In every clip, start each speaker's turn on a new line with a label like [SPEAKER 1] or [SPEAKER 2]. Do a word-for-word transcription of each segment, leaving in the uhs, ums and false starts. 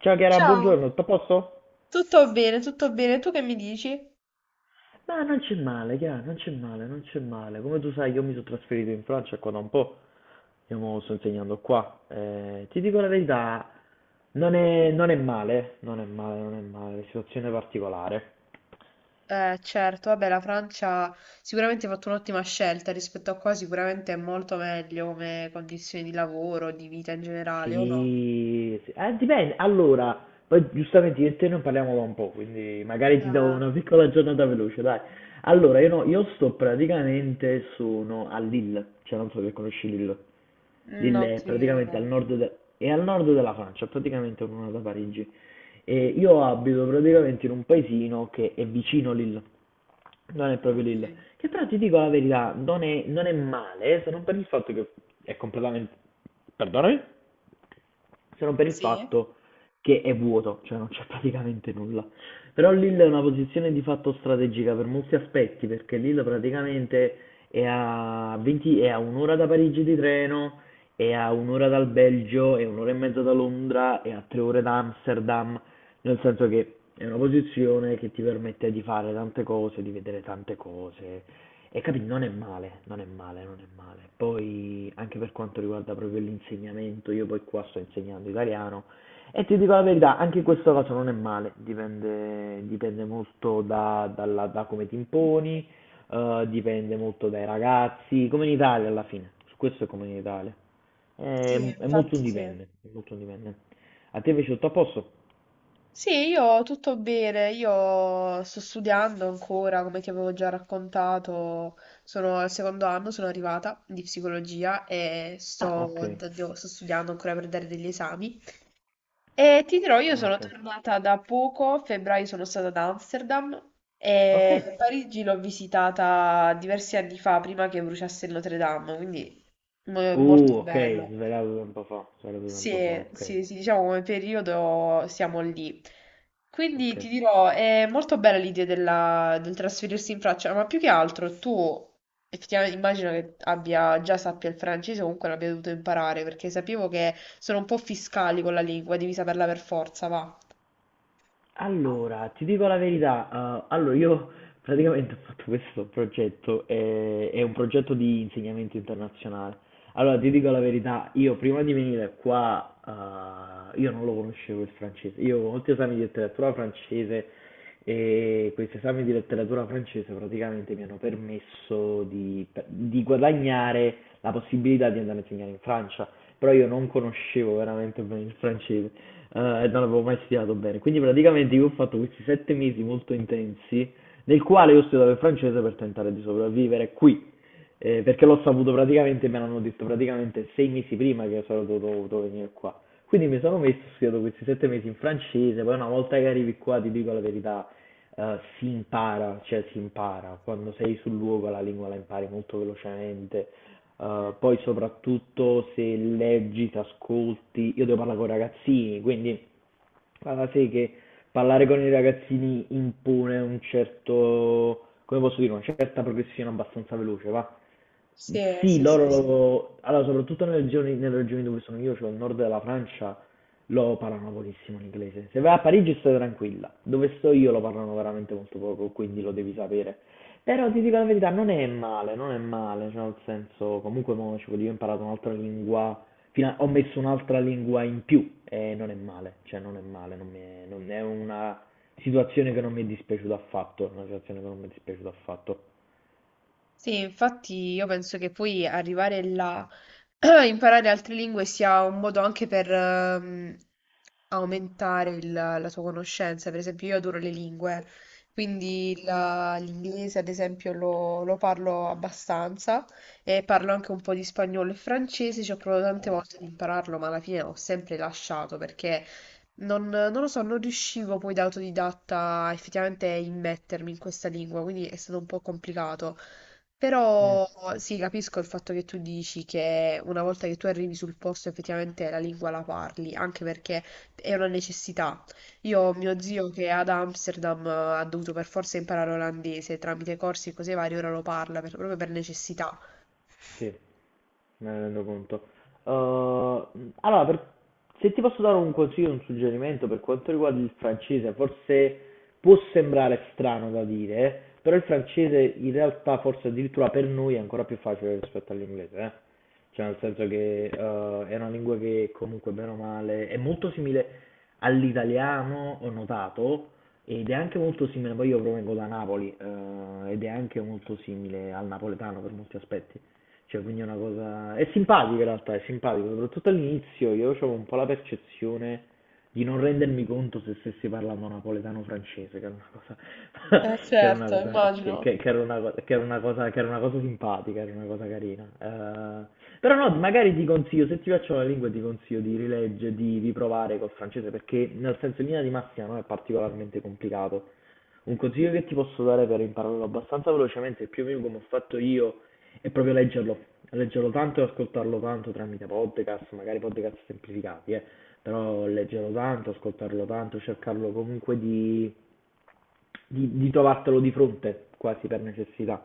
[SPEAKER 1] Ciao Chiara, buongiorno,
[SPEAKER 2] Ciao.
[SPEAKER 1] tutto a posto?
[SPEAKER 2] Tutto bene, tutto bene. Tu che mi dici?
[SPEAKER 1] Ma non c'è male, chiaro, non c'è male, non c'è male. Come tu sai, io mi sono trasferito in Francia qua da un po', io mo sto insegnando qua. Eh, ti dico la verità, non è, non è male, non è male, non è male, situazione particolare.
[SPEAKER 2] Eh, certo, vabbè, la Francia sicuramente ha fatto un'ottima scelta rispetto a qua, sicuramente è molto meglio come condizioni di lavoro, di vita in generale, o no?
[SPEAKER 1] Sì, sì. Eh, dipende. Allora, poi giustamente io e te non parliamo da un po', quindi magari ti do
[SPEAKER 2] Eh,
[SPEAKER 1] una piccola giornata veloce, dai. Allora, io, no, io sto praticamente, sono a Lille, cioè non so se conosci Lille.
[SPEAKER 2] Non
[SPEAKER 1] Lille è
[SPEAKER 2] credo, no.
[SPEAKER 1] praticamente al nord, de- è al nord della Francia, praticamente a un'ora da Parigi. E io abito praticamente in un paesino che è vicino Lille, non è proprio
[SPEAKER 2] Ok.
[SPEAKER 1] Lille, che però ti dico la verità, non è, non è male, eh, se non per il fatto che è completamente... Perdonami? Se non per il
[SPEAKER 2] Sì?
[SPEAKER 1] fatto che è vuoto, cioè non c'è praticamente nulla. Però Lille è una posizione di fatto strategica per molti aspetti, perché Lille praticamente è a, venti è a un'ora da Parigi di treno, è a un'ora dal Belgio, è un'ora e mezza da Londra, è a tre ore da Amsterdam, nel senso che è una posizione che ti permette di fare tante cose, di vedere tante cose e capi, non è male, non è male, non è male. Poi anche per quanto riguarda proprio l'insegnamento, io poi qua sto insegnando italiano e ti dico la verità, anche in questo caso non è male, dipende, dipende molto da, dalla- da come ti imponi, eh, dipende molto dai ragazzi, come in Italia alla fine, su questo è come in Italia, è,
[SPEAKER 2] Sì,
[SPEAKER 1] è molto un
[SPEAKER 2] infatti sì.
[SPEAKER 1] dipende, è molto un dipende. A te invece tutto a posto?
[SPEAKER 2] Sì, io tutto bene, io sto studiando ancora, come ti avevo già raccontato, sono al secondo anno, sono arrivata di psicologia e
[SPEAKER 1] Ah, ok.
[SPEAKER 2] sto, devo- sto studiando ancora per dare degli esami. E ti dirò, io sono
[SPEAKER 1] Okay,
[SPEAKER 2] tornata da poco, a febbraio sono stata ad Amsterdam
[SPEAKER 1] okay.
[SPEAKER 2] e Parigi l'ho visitata diversi anni fa, prima che bruciasse il Notre Dame, quindi mo- molto
[SPEAKER 1] Uh, okay,
[SPEAKER 2] bello.
[SPEAKER 1] svelavo da un po' fa, svelavo da un
[SPEAKER 2] Sì,
[SPEAKER 1] po' fa, okay,
[SPEAKER 2] sì, sì, diciamo come periodo siamo lì. Quindi
[SPEAKER 1] okay.
[SPEAKER 2] ti dirò, è molto bella l'idea della- del trasferirsi in Francia, ma più che altro tu effettivamente immagino che abbia, già sappia il francese o comunque l'abbia dovuto imparare, perché sapevo che sono un po' fiscali con la lingua, devi saperla per forza, va.
[SPEAKER 1] Allora, ti dico la verità, uhm, allora io praticamente ho fatto questo progetto, eh, è un progetto di insegnamento internazionale. Allora, ti dico la verità, io prima di venire qua, eh, io non lo conoscevo il francese. Io ho molti esami di letteratura francese e questi esami di letteratura francese praticamente mi hanno permesso di, di guadagnare la possibilità di andare a insegnare in Francia, però io non conoscevo veramente bene il francese eh, e non avevo mai studiato bene. Quindi praticamente io ho fatto questi sette mesi molto intensi nel quale io ho studiato il francese per tentare di sopravvivere qui, eh, perché l'ho saputo praticamente, me l'hanno detto praticamente sei mesi prima che sarei dovuto, dovuto venire qua. Quindi mi sono messo, ho studiato questi sette mesi in francese, poi una volta che arrivi qua, ti dico la verità, eh, si impara, cioè si impara, quando sei sul luogo la lingua la impari molto velocemente, eh,
[SPEAKER 2] Mm.
[SPEAKER 1] poi soprattutto se leggi, ti ascolti, io devo parlare con ragazzini, quindi ah, sì, che parlare con i ragazzini impone un certo, come posso dire, una certa progressione abbastanza veloce, va?
[SPEAKER 2] Sì,
[SPEAKER 1] Sì,
[SPEAKER 2] sì, sì,
[SPEAKER 1] loro,
[SPEAKER 2] sì.
[SPEAKER 1] lo- allora, soprattutto nelle regioni, nelle regioni dove sono io, cioè il nord della Francia, lo parlano pochissimo l'inglese. Se vai a Parigi stai tranquilla, dove sto io lo parlano veramente molto poco, quindi lo devi sapere. Però ti dico la verità, non è male, non è male, cioè nel senso, comunque mo, ci voglio- io ho imparato un'altra lingua, fino a- ho messo un'altra lingua in più e non è male, cioè non è male, non, mi è, non è una situazione che non mi è dispiaciuta affatto, è una situazione che non mi è dispiaciuta affatto.
[SPEAKER 2] Sì, infatti io penso che poi arrivare là, imparare altre lingue sia un modo anche per ehm, aumentare il- la tua conoscenza. Per esempio, io adoro le lingue, quindi la- l'inglese, ad esempio, lo, lo parlo abbastanza e parlo anche un po' di spagnolo e francese. Ci ho provato tante volte ad impararlo, ma alla fine ho sempre lasciato perché non, non lo so, non riuscivo poi da autodidatta effettivamente a immettermi in questa lingua, quindi è stato un po' complicato.
[SPEAKER 1] Mm,
[SPEAKER 2] Però sì, capisco il fatto che tu dici che una volta che tu arrivi sul posto effettivamente la lingua la parli, anche perché è una necessità. Io ho mio zio che ad Amsterdam eh, ha dovuto per forza imparare olandese tramite corsi e cose varie, ora lo parla per- proprio per necessità.
[SPEAKER 1] sì. Me ne rendo conto. Ehm, allora, per- se ti posso dare un consiglio, un suggerimento per quanto riguarda il francese, forse può sembrare strano da dire, però il francese in realtà forse addirittura per noi è ancora più facile rispetto all'inglese, eh. Cioè nel senso che eh, è una lingua che comunque bene o male è molto simile all'italiano, ho notato, ed è anche molto simile, poi io provengo da Napoli, eh, ed è anche molto simile al napoletano per molti aspetti. Cioè, quindi è una cosa... È simpatico in realtà, è simpatico, soprattutto all'inizio io avevo un po' la percezione di non rendermi conto se stessi parlando napoletano o francese, che era una cosa,
[SPEAKER 2] Eh
[SPEAKER 1] che era una
[SPEAKER 2] certo,
[SPEAKER 1] cosa, che,
[SPEAKER 2] immagino.
[SPEAKER 1] che- che era una, co- che era una cosa, che era una cosa simpatica, era una cosa carina. Eh, però no, magari ti consiglio, se ti piacciono le lingue ti consiglio di rileggere, di riprovare col francese perché nel senso in linea di massima non è particolarmente complicato. Un consiglio che ti posso dare per impararlo abbastanza velocemente, più o meno come ho fatto io, è proprio leggerlo. Leggerlo tanto e ascoltarlo tanto tramite podcast, magari podcast semplificati, eh. Però leggerlo tanto, ascoltarlo tanto, cercarlo comunque di, di, di trovartelo di fronte, quasi per necessità.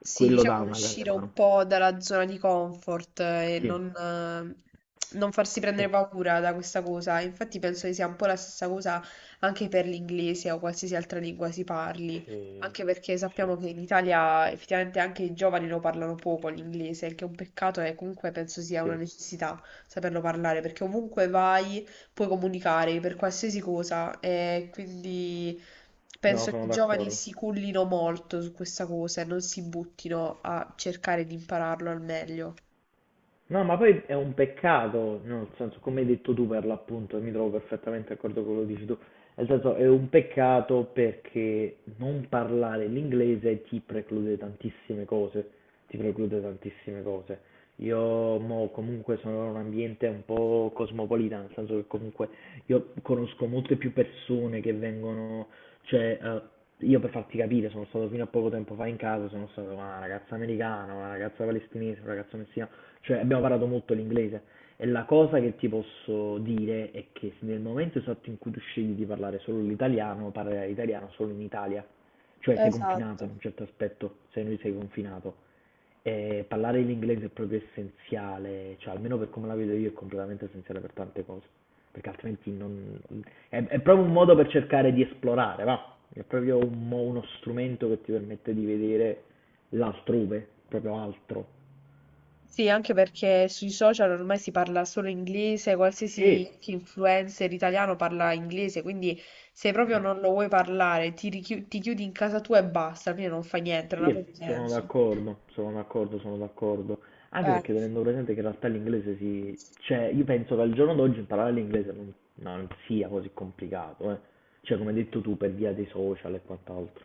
[SPEAKER 2] Sì,
[SPEAKER 1] Quello dà
[SPEAKER 2] diciamo
[SPEAKER 1] una grande
[SPEAKER 2] uscire
[SPEAKER 1] mano.
[SPEAKER 2] un po' dalla zona di comfort eh, e
[SPEAKER 1] Sì,
[SPEAKER 2] non, eh, non farsi prendere
[SPEAKER 1] sì.
[SPEAKER 2] paura da questa cosa. Infatti penso che sia un po' la stessa cosa anche per l'inglese o qualsiasi altra lingua si parli,
[SPEAKER 1] Sì,
[SPEAKER 2] anche perché
[SPEAKER 1] sì.
[SPEAKER 2] sappiamo che in Italia effettivamente anche i giovani lo parlano poco l'inglese, il che è un peccato e comunque penso sia una
[SPEAKER 1] Sì,
[SPEAKER 2] necessità saperlo parlare, perché ovunque vai puoi comunicare per qualsiasi cosa e quindi...
[SPEAKER 1] no,
[SPEAKER 2] Penso che
[SPEAKER 1] sono
[SPEAKER 2] i giovani
[SPEAKER 1] d'accordo.
[SPEAKER 2] si cullino molto su questa cosa e non si buttino a cercare di impararlo al meglio.
[SPEAKER 1] No, ma poi è un peccato, no, nel senso, come hai detto tu per l'appunto, e mi trovo perfettamente d'accordo con quello che dici tu, nel senso è un peccato perché non parlare l'inglese ti preclude tantissime cose, ti preclude tantissime cose. Io mo, comunque sono in un ambiente un po' cosmopolita, nel senso che comunque io conosco molte più persone che vengono, cioè, eh, io per farti capire sono stato fino a poco tempo fa in casa, sono stato con una ragazza americana, una ragazza palestinese, un ragazzo messicano, cioè abbiamo parlato molto l'inglese e la cosa che ti posso dire è che nel momento esatto in cui tu scegli di parlare solo l'italiano, parlerai italiano solo in Italia cioè sei confinato
[SPEAKER 2] Esatto.
[SPEAKER 1] in un certo aspetto, sei noi sei confinato. E parlare l'inglese è proprio essenziale, cioè almeno per come la vedo io è completamente essenziale per tante cose, perché altrimenti non... È, è proprio un modo per cercare di esplorare, va? È proprio un mo- uno strumento che ti permette di vedere l'altrove, proprio altro.
[SPEAKER 2] Sì, anche perché sui social ormai si parla solo inglese, qualsiasi
[SPEAKER 1] E
[SPEAKER 2] anche influencer italiano parla inglese, quindi se proprio non lo vuoi parlare, ti, richiu- ti chiudi in casa tua e basta, alla fine non fa niente, non ha proprio
[SPEAKER 1] sì, sono
[SPEAKER 2] senso.
[SPEAKER 1] d'accordo, sono d'accordo, sono d'accordo. Anche
[SPEAKER 2] Eh.
[SPEAKER 1] perché tenendo presente che in realtà l'inglese si... Cioè, io penso che al giorno d'oggi imparare l'inglese non, non sia così complicato, eh. Cioè, come hai detto tu, per via dei social e quant'altro.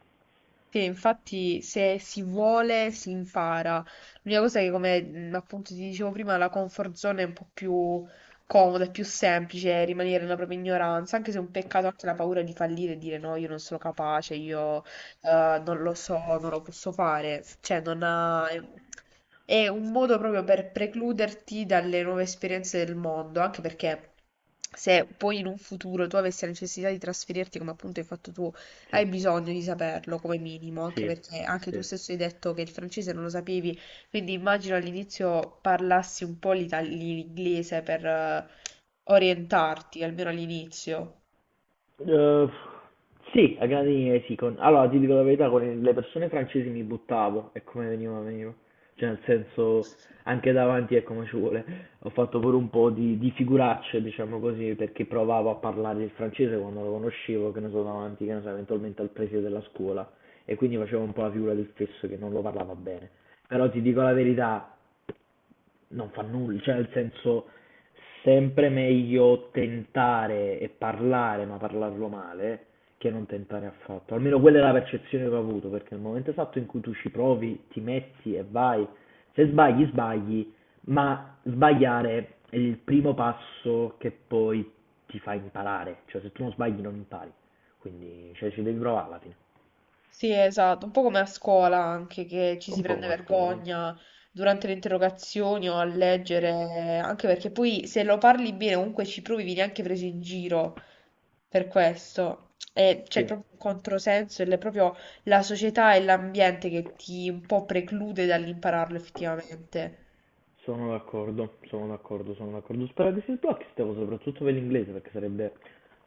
[SPEAKER 2] Sì, infatti se si vuole si impara. L'unica cosa è che, come mh, appunto ti dicevo prima, la comfort zone è un po' più comoda, è più semplice rimanere nella propria ignoranza, anche se è un peccato anche la paura di fallire e dire no, io non sono capace, io eh, non lo so, non lo posso fare. Cioè, non ha... è un modo proprio per precluderti dalle nuove esperienze del mondo, anche perché se poi in un futuro tu avessi la necessità di trasferirti, come appunto hai fatto tu,
[SPEAKER 1] Sì,
[SPEAKER 2] hai bisogno di saperlo come minimo, anche
[SPEAKER 1] sì,
[SPEAKER 2] perché anche tu
[SPEAKER 1] sì.
[SPEAKER 2] stesso hai detto che il francese non lo sapevi, quindi immagino all'inizio parlassi un po' l'ita- l'inglese per eh, orientarti, almeno all'inizio.
[SPEAKER 1] Eh, sì, a grandi linee sì. con- Allora, ti dico la verità, con le persone francesi mi buttavo e come veniva, veniva. Cioè, nel senso, anche davanti è come ci vuole. Ho fatto pure un po' di, di figuracce, diciamo così, perché provavo a parlare il francese quando lo conoscevo, che ne so, davanti, che ne so, eventualmente al preside della scuola. E quindi facevo un po' la figura del stesso che non lo parlava bene. Però ti dico la verità, non fa nulla, cioè nel senso sempre meglio tentare e parlare, ma parlarlo male, che non tentare affatto. Almeno quella è la percezione che ho avuto, perché nel momento esatto in cui tu ci provi, ti metti e vai, se sbagli, sbagli, ma sbagliare è il primo passo che poi ti fa imparare, cioè se tu non sbagli non impari, quindi cioè, ci devi provare alla fine.
[SPEAKER 2] Sì, esatto, un po' come a scuola anche, che ci si
[SPEAKER 1] Un po'
[SPEAKER 2] prende
[SPEAKER 1] una scuola, eh.
[SPEAKER 2] vergogna durante le interrogazioni o a leggere, anche perché poi se lo parli bene comunque ci provi, vieni anche preso in giro per questo. E c'è
[SPEAKER 1] Sì.
[SPEAKER 2] proprio un controsenso ed è proprio la società e l'ambiente che ti un po' preclude dall'impararlo effettivamente.
[SPEAKER 1] Sono d'accordo, sono d'accordo, sono d'accordo. Spero che si sblocchi questa cosa, soprattutto per l'inglese, perché sarebbe,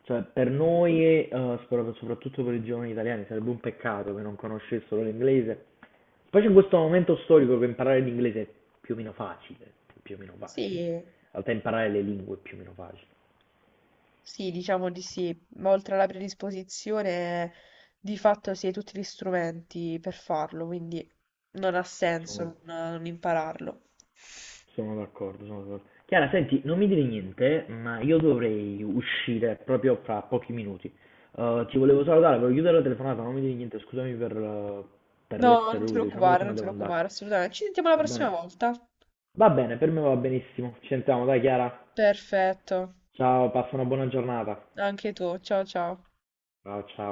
[SPEAKER 1] cioè per noi, eh, spero che soprattutto per i giovani italiani, sarebbe un peccato che non conoscessero l'inglese. Specie in questo momento storico che imparare l'inglese è più o meno facile, più o meno facile. In
[SPEAKER 2] Sì.
[SPEAKER 1] realtà imparare le lingue è più o meno facile.
[SPEAKER 2] Sì, diciamo di sì, ma oltre alla predisposizione, di fatto si hai tutti gli strumenti per farlo, quindi non ha senso
[SPEAKER 1] Sono
[SPEAKER 2] non, non impararlo.
[SPEAKER 1] Sono d'accordo, sono d'accordo. Chiara, senti, non mi dire niente, ma io dovrei uscire proprio fra pochi minuti. Eh, ti volevo salutare, volevo chiudere la telefonata, non mi dire niente, scusami per, eh, per
[SPEAKER 2] No,
[SPEAKER 1] l'essere
[SPEAKER 2] non ti
[SPEAKER 1] rude, diciamo
[SPEAKER 2] preoccupare,
[SPEAKER 1] così, ma
[SPEAKER 2] non ti
[SPEAKER 1] devo andare.
[SPEAKER 2] preoccupare, assolutamente. Ci sentiamo la
[SPEAKER 1] Va
[SPEAKER 2] prossima
[SPEAKER 1] bene?
[SPEAKER 2] volta.
[SPEAKER 1] Va bene, per me va benissimo. Ci sentiamo, dai Chiara.
[SPEAKER 2] Perfetto,
[SPEAKER 1] Ciao, passa una buona giornata.
[SPEAKER 2] anche tu. Ciao ciao.
[SPEAKER 1] Ciao, ciao.